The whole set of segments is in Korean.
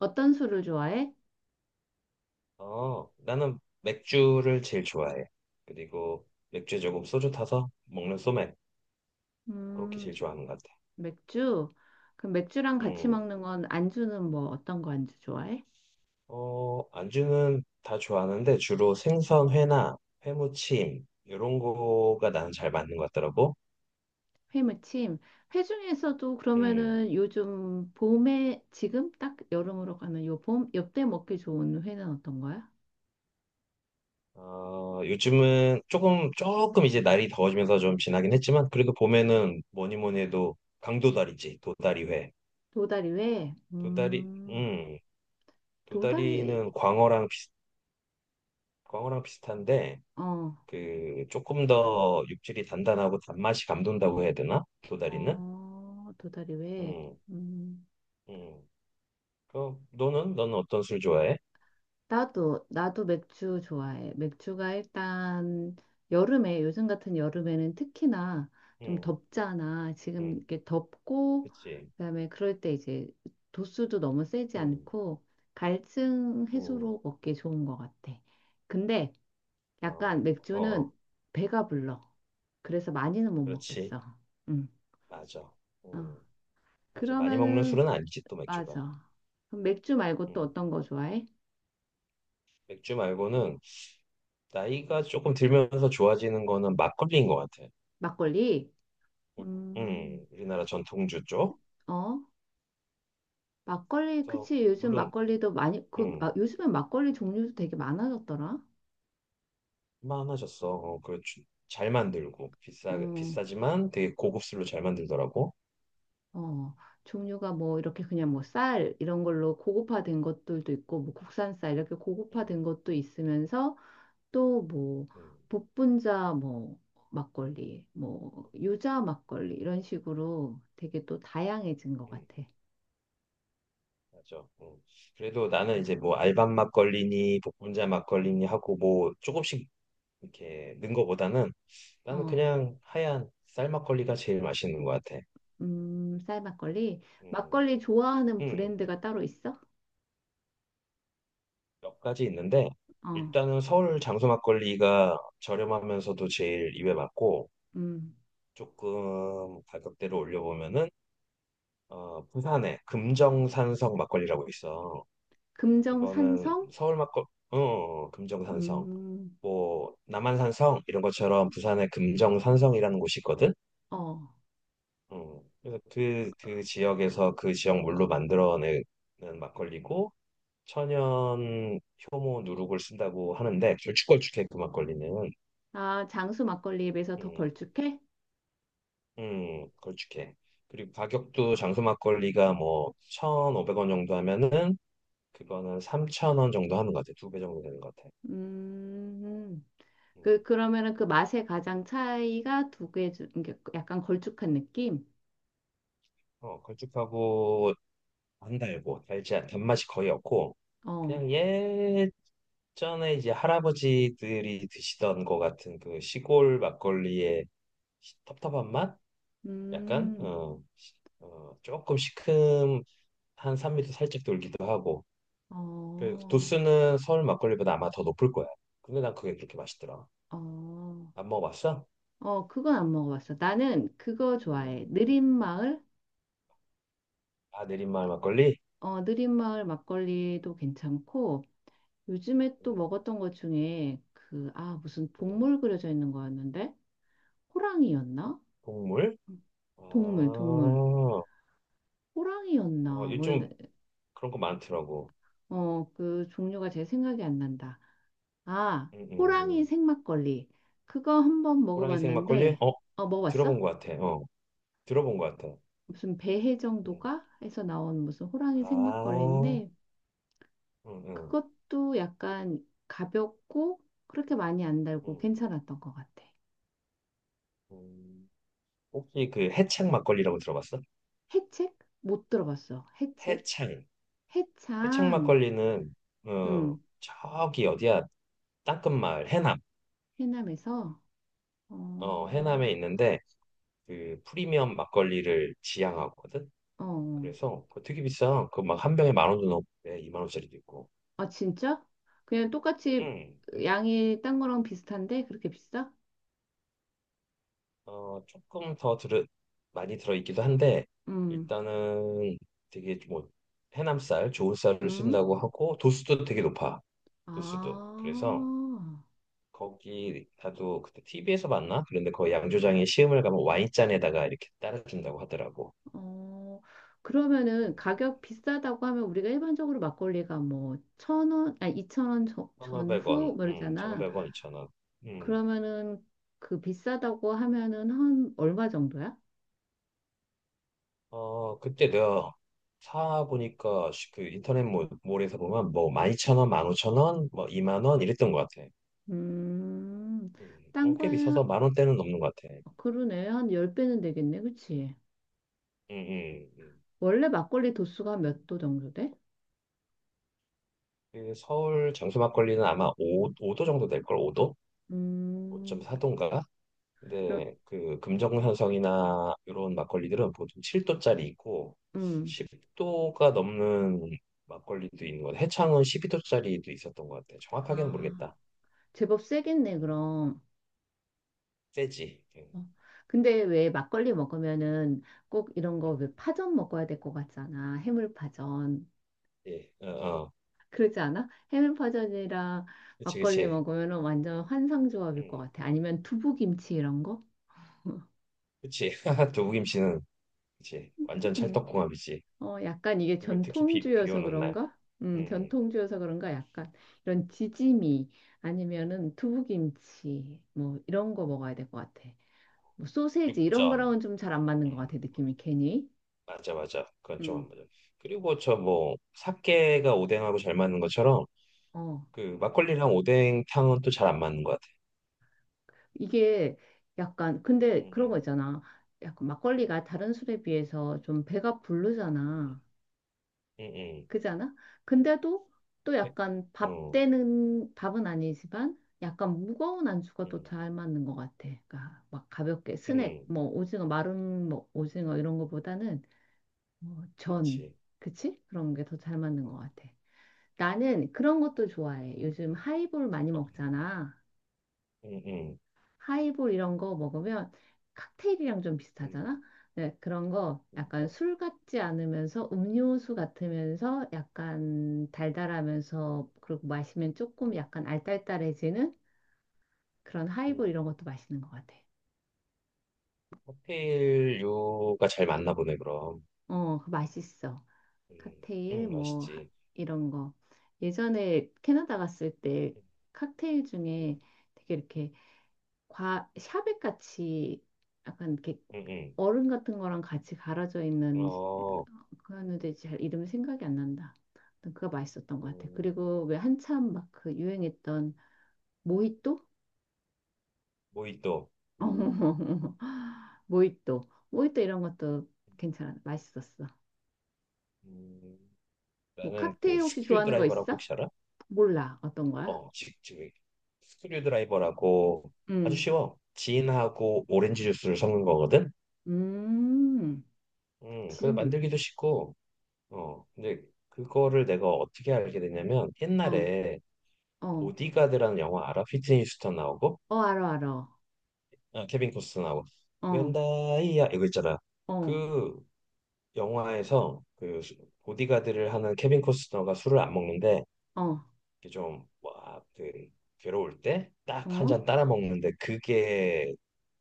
어떤 술을 좋아해? 어, 나는 맥주를 제일 좋아해. 그리고 맥주에 조금 소주 타서 먹는 소맥. 그렇게 음, 제일 수- 좋아하는 것 같아. 맥주? 그럼 맥주랑 같이 음, 먹는 건 안주는 뭐 어떤 거 안주 좋아해? 어, 안주는 다 좋아하는데 주로 생선 회나 회무침, 이런 거가 나는 잘 맞는 것 같더라고. 회무침. 회 중에서도 음, 그러면은 요즘 봄에 지금 딱 여름으로 가는 요 봄, 요때 먹기 좋은 회는 어떤 거야? 어, 요즘은 조금 이제 날이 더워지면서 좀 지나긴 했지만, 그래도 봄에는 뭐니 뭐니 해도 강도다리지, 도다리회. 도다리 회? 도다리, 음, 도다리, 도다리는 광어랑 비슷한데, 어, 그 조금 더 육질이 단단하고 단맛이 감돈다고 해야 되나? 도다리는? 어, 도다리 회. 음, 음. 음. 그 너는 어떤 술 좋아해? 나도, 맥주 좋아해. 맥주가 일단 여름에, 요즘 같은 여름에는 특히나 좀 음, 덥잖아. 지금 음, 이렇게 덥고, 그치. 그다음에 그럴 때 이제 도수도 너무 세지 음, 않고, 갈증 음, 해소로 먹기 좋은 것 같아. 근데 약간 어, 어, 어. 맥주는 배가 불러. 그래서 많이는 못 그렇지. 먹겠어. 응. 맞아. 어. 음, 맞아. 많이 먹는 그러면은, 술은 아니지 또 맥주가. 맞아. 그럼 맥주 말고 또 음, 어떤 거 좋아해? 맥주 말고는 나이가 조금 들면서 좋아지는 거는 막걸리인 것 같아. 막걸리? 우- 음, 우리나라 전통주 쪽. 어? 막걸리, 그래서 그치. 요즘 물론. 막걸리도 많이, 그, 음, 아, 요즘엔 막걸리 종류도 되게 많아졌더라. 만하셨어. 잘 만들고, 어, 비싸지만 되게 고급스로 잘 만들더라고. 어. 종류가 뭐 이렇게 그냥 뭐 쌀 이런 걸로 고급화된 것들도 있고, 뭐 국산 쌀 이렇게 음, 고급화된 것도 있으면서 또 뭐 음, 복분자 뭐 막걸리, 뭐 유자 막걸리 이런 식으로 되게 또 다양해진 것 음, 같아. 맞아. 음. 그래도 나는 이제 뭐 알밤 막걸리니, 복분자 막걸리니 하고 뭐 조금씩 이렇게 넣은 거보다는 나는 어, 그냥 하얀 쌀 막걸리가 제일 맛있는 것 같아. 쌀 막걸리. 음, 막걸리 좋아하는 음, 브랜드가 따로 있어? 몇 가지 있는데, 어, 일단은 서울 장소 막걸리가 저렴하면서도 제일 입에 맞고, 음. 조금 가격대를 올려보면은 부산에 금정산성 막걸리라고 있어. 그거는 금정산성? 서울 막걸, 어, 어, 어, 금정산성. 음, 뭐 남한산성 이런 것처럼 부산에 금정산성이라는 곳이 있거든. 어. 그래서 그 지역에서 그 지역 물로 만들어내는 막걸리고 천연 효모 누룩을 쓴다고 하는데 걸쭉걸쭉해 그 막걸리는. 아, 장수 막걸리에 비해서 더 음, 걸쭉해? 걸쭉해. 그리고 가격도 장수 막걸리가 뭐 1,500원 정도 하면은 그거는 3,000원 정도 하는 것 같아. 두 배 정도 되는 것 같아. 음, 음. 그, 그러면은 그 맛의 가장 차이가 두 개? 이게 약간 걸쭉한 느낌? 걸쭉하고 안 달고 단맛이 거의 없고 어, 그냥 예전에 이제 할아버지들이 드시던 것 같은 그 시골 막걸리의 텁텁한 맛? 약간 음, 조금 시큼한 산미도 살짝 돌기도 하고 그 어, 도수는 서울 막걸리보다 아마 더 높을 거야. 근데 난 그게 그렇게 맛있더라. 어, 안 먹어봤어? 어, 그건 안 먹어봤어. 나는 그거 음. 좋아해. 느린마을? 아, 내린마을 막걸리? 어, 느린마을 막걸리도 괜찮고, 요즘에 음, 또 먹었던 것 중에 그, 아, 무슨 음. 동물 그려져 있는 거였는데? 호랑이였나? 국물? 아, 동물, 동물. 호랑이였나? 뭐였나? 요즘 그런 거 많더라고. 어, 그 종류가 제 생각이 안 난다. 아, 음, 호랑이 음. 생막걸리. 그거 한번 호랑이색 막걸리? 먹어봤는데, 어, 먹어봤어? 들어본 것 같아. 들어본 것 같아. 무슨 배해 음. 정도가 해서 나온 무슨 호랑이 아, 생막걸리인데, 음, 음, 그것도 약간 가볍고, 그렇게 많이 안 달고 음, 괜찮았던 것 같아. 음. 혹시 그 해창 막걸리라고 들어봤어? 해책? 못 들어봤어. 해책? 해창. 해창 해창. 막걸리는 음, 저기 어디야? 땅끝마을 해남. 해남에서, 어, 해남에 있는데 그 프리미엄 막걸리를 지향하거든. 어, 어. 그래서 그거 되게 비싸. 그 막 한 병에 10,000원도 넘고 2만 원짜리도 있고. 아, 진짜? 그냥 똑같이 응. 양이 딴 거랑 비슷한데? 그렇게 비싸? 조금 더 많이 들어있기도 한데, 음, 일단은 되게 뭐, 해남쌀, 좋은 쌀을 음. 쓴다고 하고, 도수도 되게 높아. 도수도. 아, 그래서, 거기, 나도 그때 TV에서 봤나? 그런데 거기 양조장에 시음을 가면 와인잔에다가 이렇게 따라준다고 하더라고. 어, 음, 그러면은 가격 비싸다고 하면 우리가 일반적으로 막걸리가 뭐 1,000원, 아니 2,000원 저- 전후 1,500원, 뭐 이러잖아. 1,500원, 2,000원. 음, 그러면은 그 비싸다고 하면은 한 얼마 정도야? 그때 내가 사보니까 그 인터넷 몰, 몰에서 보면 뭐 12,000원, 15,000원, 뭐이만 오천 원 뭐 20,000원 이랬던 것 같아. 음, 딴 꽤 거야? 비싸서 10,000원대는 넘는 것 같아. 어, 그러네. 한 열배는 되겠네. 그치? 음, 음, 음. 원래 막걸리 도수가 몇 도 정도 돼? 그 서울 장수 막걸리는 아마 5, 5도 정도 될 걸, 5도? 음. 5.4도인가? 그럼, 근데 그 금정현성이나 이런 막걸리들은 보통 7도짜리 있고 음, 10도가 넘는 막걸리도 있는 것 같아. 해창은 12도짜리도 있었던 것 같아. 정확하게는 아, 모르겠다. 제법 세겠네, 음, 그럼. 세지. 어. 근데 왜 막걸리 먹으면은 꼭 이런 거 왜 파전 먹어야 될 것 같잖아. 해물파전. 예, 어, 어. 그러지 않아? 해물파전이랑 그치, 막걸리 그치. 먹으면은 완전 환상조합일 것 음, 같아. 아니면 두부김치 이런 거? 그치. 두부김치는 그치. 완전 음. 찰떡궁합이지. 어, 약간 이게 이게 특히 비 전통주여서 오는 날. 그런가? 음. 전통주여서 그런가? 약간 이런 지짐이 아니면은 두부김치 뭐 이런 거 먹어야 될 것 같아. 뭐 소세지 이런 육전. 거랑은 좀 잘 안 맞는 것 같아, 음, 느낌이 괜히. 맞아, 맞아. 그건 좀 안 음. 맞아. 그리고 저 뭐, 사케가 오뎅하고 잘 맞는 것처럼, 어, 그, 막걸리랑 오뎅탕은 또 잘 안 맞는 것 같아. 이게 약간, 근데 응, 그런 거 있잖아. 약간 막걸리가 다른 술에 비해서 좀 배가 응, 부르잖아. 응, 응, 응. 그잖아? 근데도 또 배- 약간 밥 어, 되는, 밥은 아니지만 약간 무거운 안주가 또 응, 잘 맞는 것 같아. 그러니까 막 가볍게 스낵, 응, 뭐 오징어, 마른 뭐 오징어 이런 거보다는 뭐 전, 그렇지. 그치? 그런 게 더 잘 맞는 것 어, 같아. 나는 그런 것도 좋아해. 요즘 하이볼 많이 어, 먹잖아. 응, 응, 하이볼 이런 거 먹으면 칵테일이랑 좀 비슷하잖아. 네, 그런 거 응, 약간 맞아. 술 같지 않으면서 음료수 같으면서 약간 달달하면서 그리고 마시면 응, 조금 약간 알딸딸해지는 그런 응. 하이볼 이런 것도 맛있는 것 같아. 칵테일류가 잘 맞나 보네, 그럼. 어, 그거 맛있어. 응, 칵테일 응, 뭐 하- 맛있지. 이런 거. 예전에 캐나다 갔을 때 응, 칵테일 응, 중에 되게 이렇게 과 샤벳 같이 약간 이렇게 응, 얼음 같은 거랑 같이 갈아져 응. 있는 어, 그런데 잘 이름이 생각이 안 난다. 아무튼 그거 맛있었던 것 같아. 음, 그리고 왜 한참 막 그 유행했던 모히또? 모히또. 어, 음, 모히또, 모히또 이런 것도 음. 괜찮아, 맛있었어. 음. 뭐 나는 그 칵테일 혹시 스크류 좋아하는 거 드라이버라고 있어? 혹시 알아? 몰라, 어떤 거야? 지금 스크류 드라이버라고 아주 음, 쉬워. 진하고 오렌지 주스를 섞는 거거든. 음, 그래서 짐, 만들기도 쉽고. 근데 그거를 내가 어떻게 알게 됐냐면 어, 옛날에 어, 보디가드라는 영화 알아? 휘트니 휴스턴 나오고, 어, 알어, 알어, 아, 케빈 코스터 나오고. 어, 웬다이야 이거 있잖아. 어, 그 영화에서 보디가드를 하는 케빈 코스터가 술을 안 먹는데 어, 이렇게 좀 와, 그 괴로울 때 딱 한 어. 잔 따라 먹는데 그게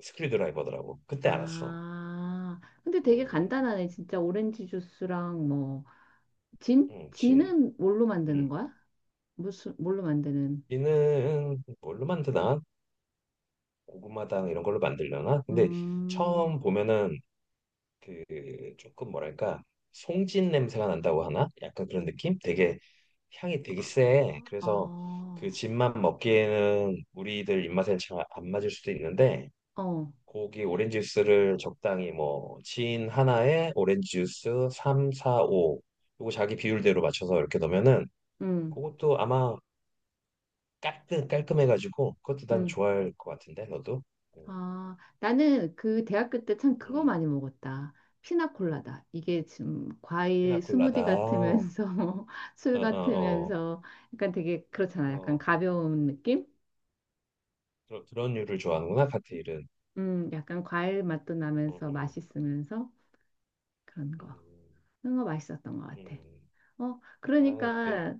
스크류드라이버더라고. 그때 알았어. 아, 근데 되게 음, 간단하네. 진짜 오렌지 주스랑 뭐, 진? 음, 진, 진은 뭘로 만드는 음. 거야? 무슨, 뭘로 만드는? 진은 뭘로 만드나? 고구마당 이런 걸로 만들려나? 근데 음, 처음 보면은 그 조금 뭐랄까 송진 냄새가 난다고 하나? 약간 그런 느낌? 되게 향이 되게 세. 그래서 아, 그 진만 먹기에는 우리들 입맛에 잘 안 맞을 수도 있는데 어, 고기 오렌지 주스를 적당히 뭐 진 하나에 오렌지 주스 3, 4, 5 요거 자기 비율대로 맞춰서 이렇게 넣으면은 음, 그것도 아마 깔끔 깔끔해가지고 그것도 난 음. 좋아할 것 같은데 너도 음, 아, 나는 그 대학교 때 참 그거 음. 많이 먹었다. 피나콜라다. 이게 지금 과일 스무디 피나콜라다 어 같으면서 어어 술 어, 같으면서 약간 되게 그렇잖아. 어, 어. 약간 어. 가벼운 느낌? 그런 류를 좋아하는구나 칵테일은. 약간 과일 맛도 음, 나면서 음, 맛있으면서 그런 거. 음, 그런 거 맛있었던 것 같아. 음. 어, 아이 그러니까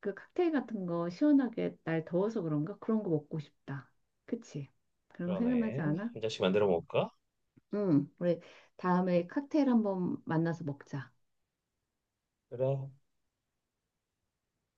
그 칵테일 같은 거 시원하게 날 더워서 그런가? 그런 거 먹고 싶다. 그치? 그런 거 생각나지 그러네. 않아? 한 잔씩 만들어 먹을까? 응, 우리 다음에 칵테일 한번 만나서 먹자. 그래.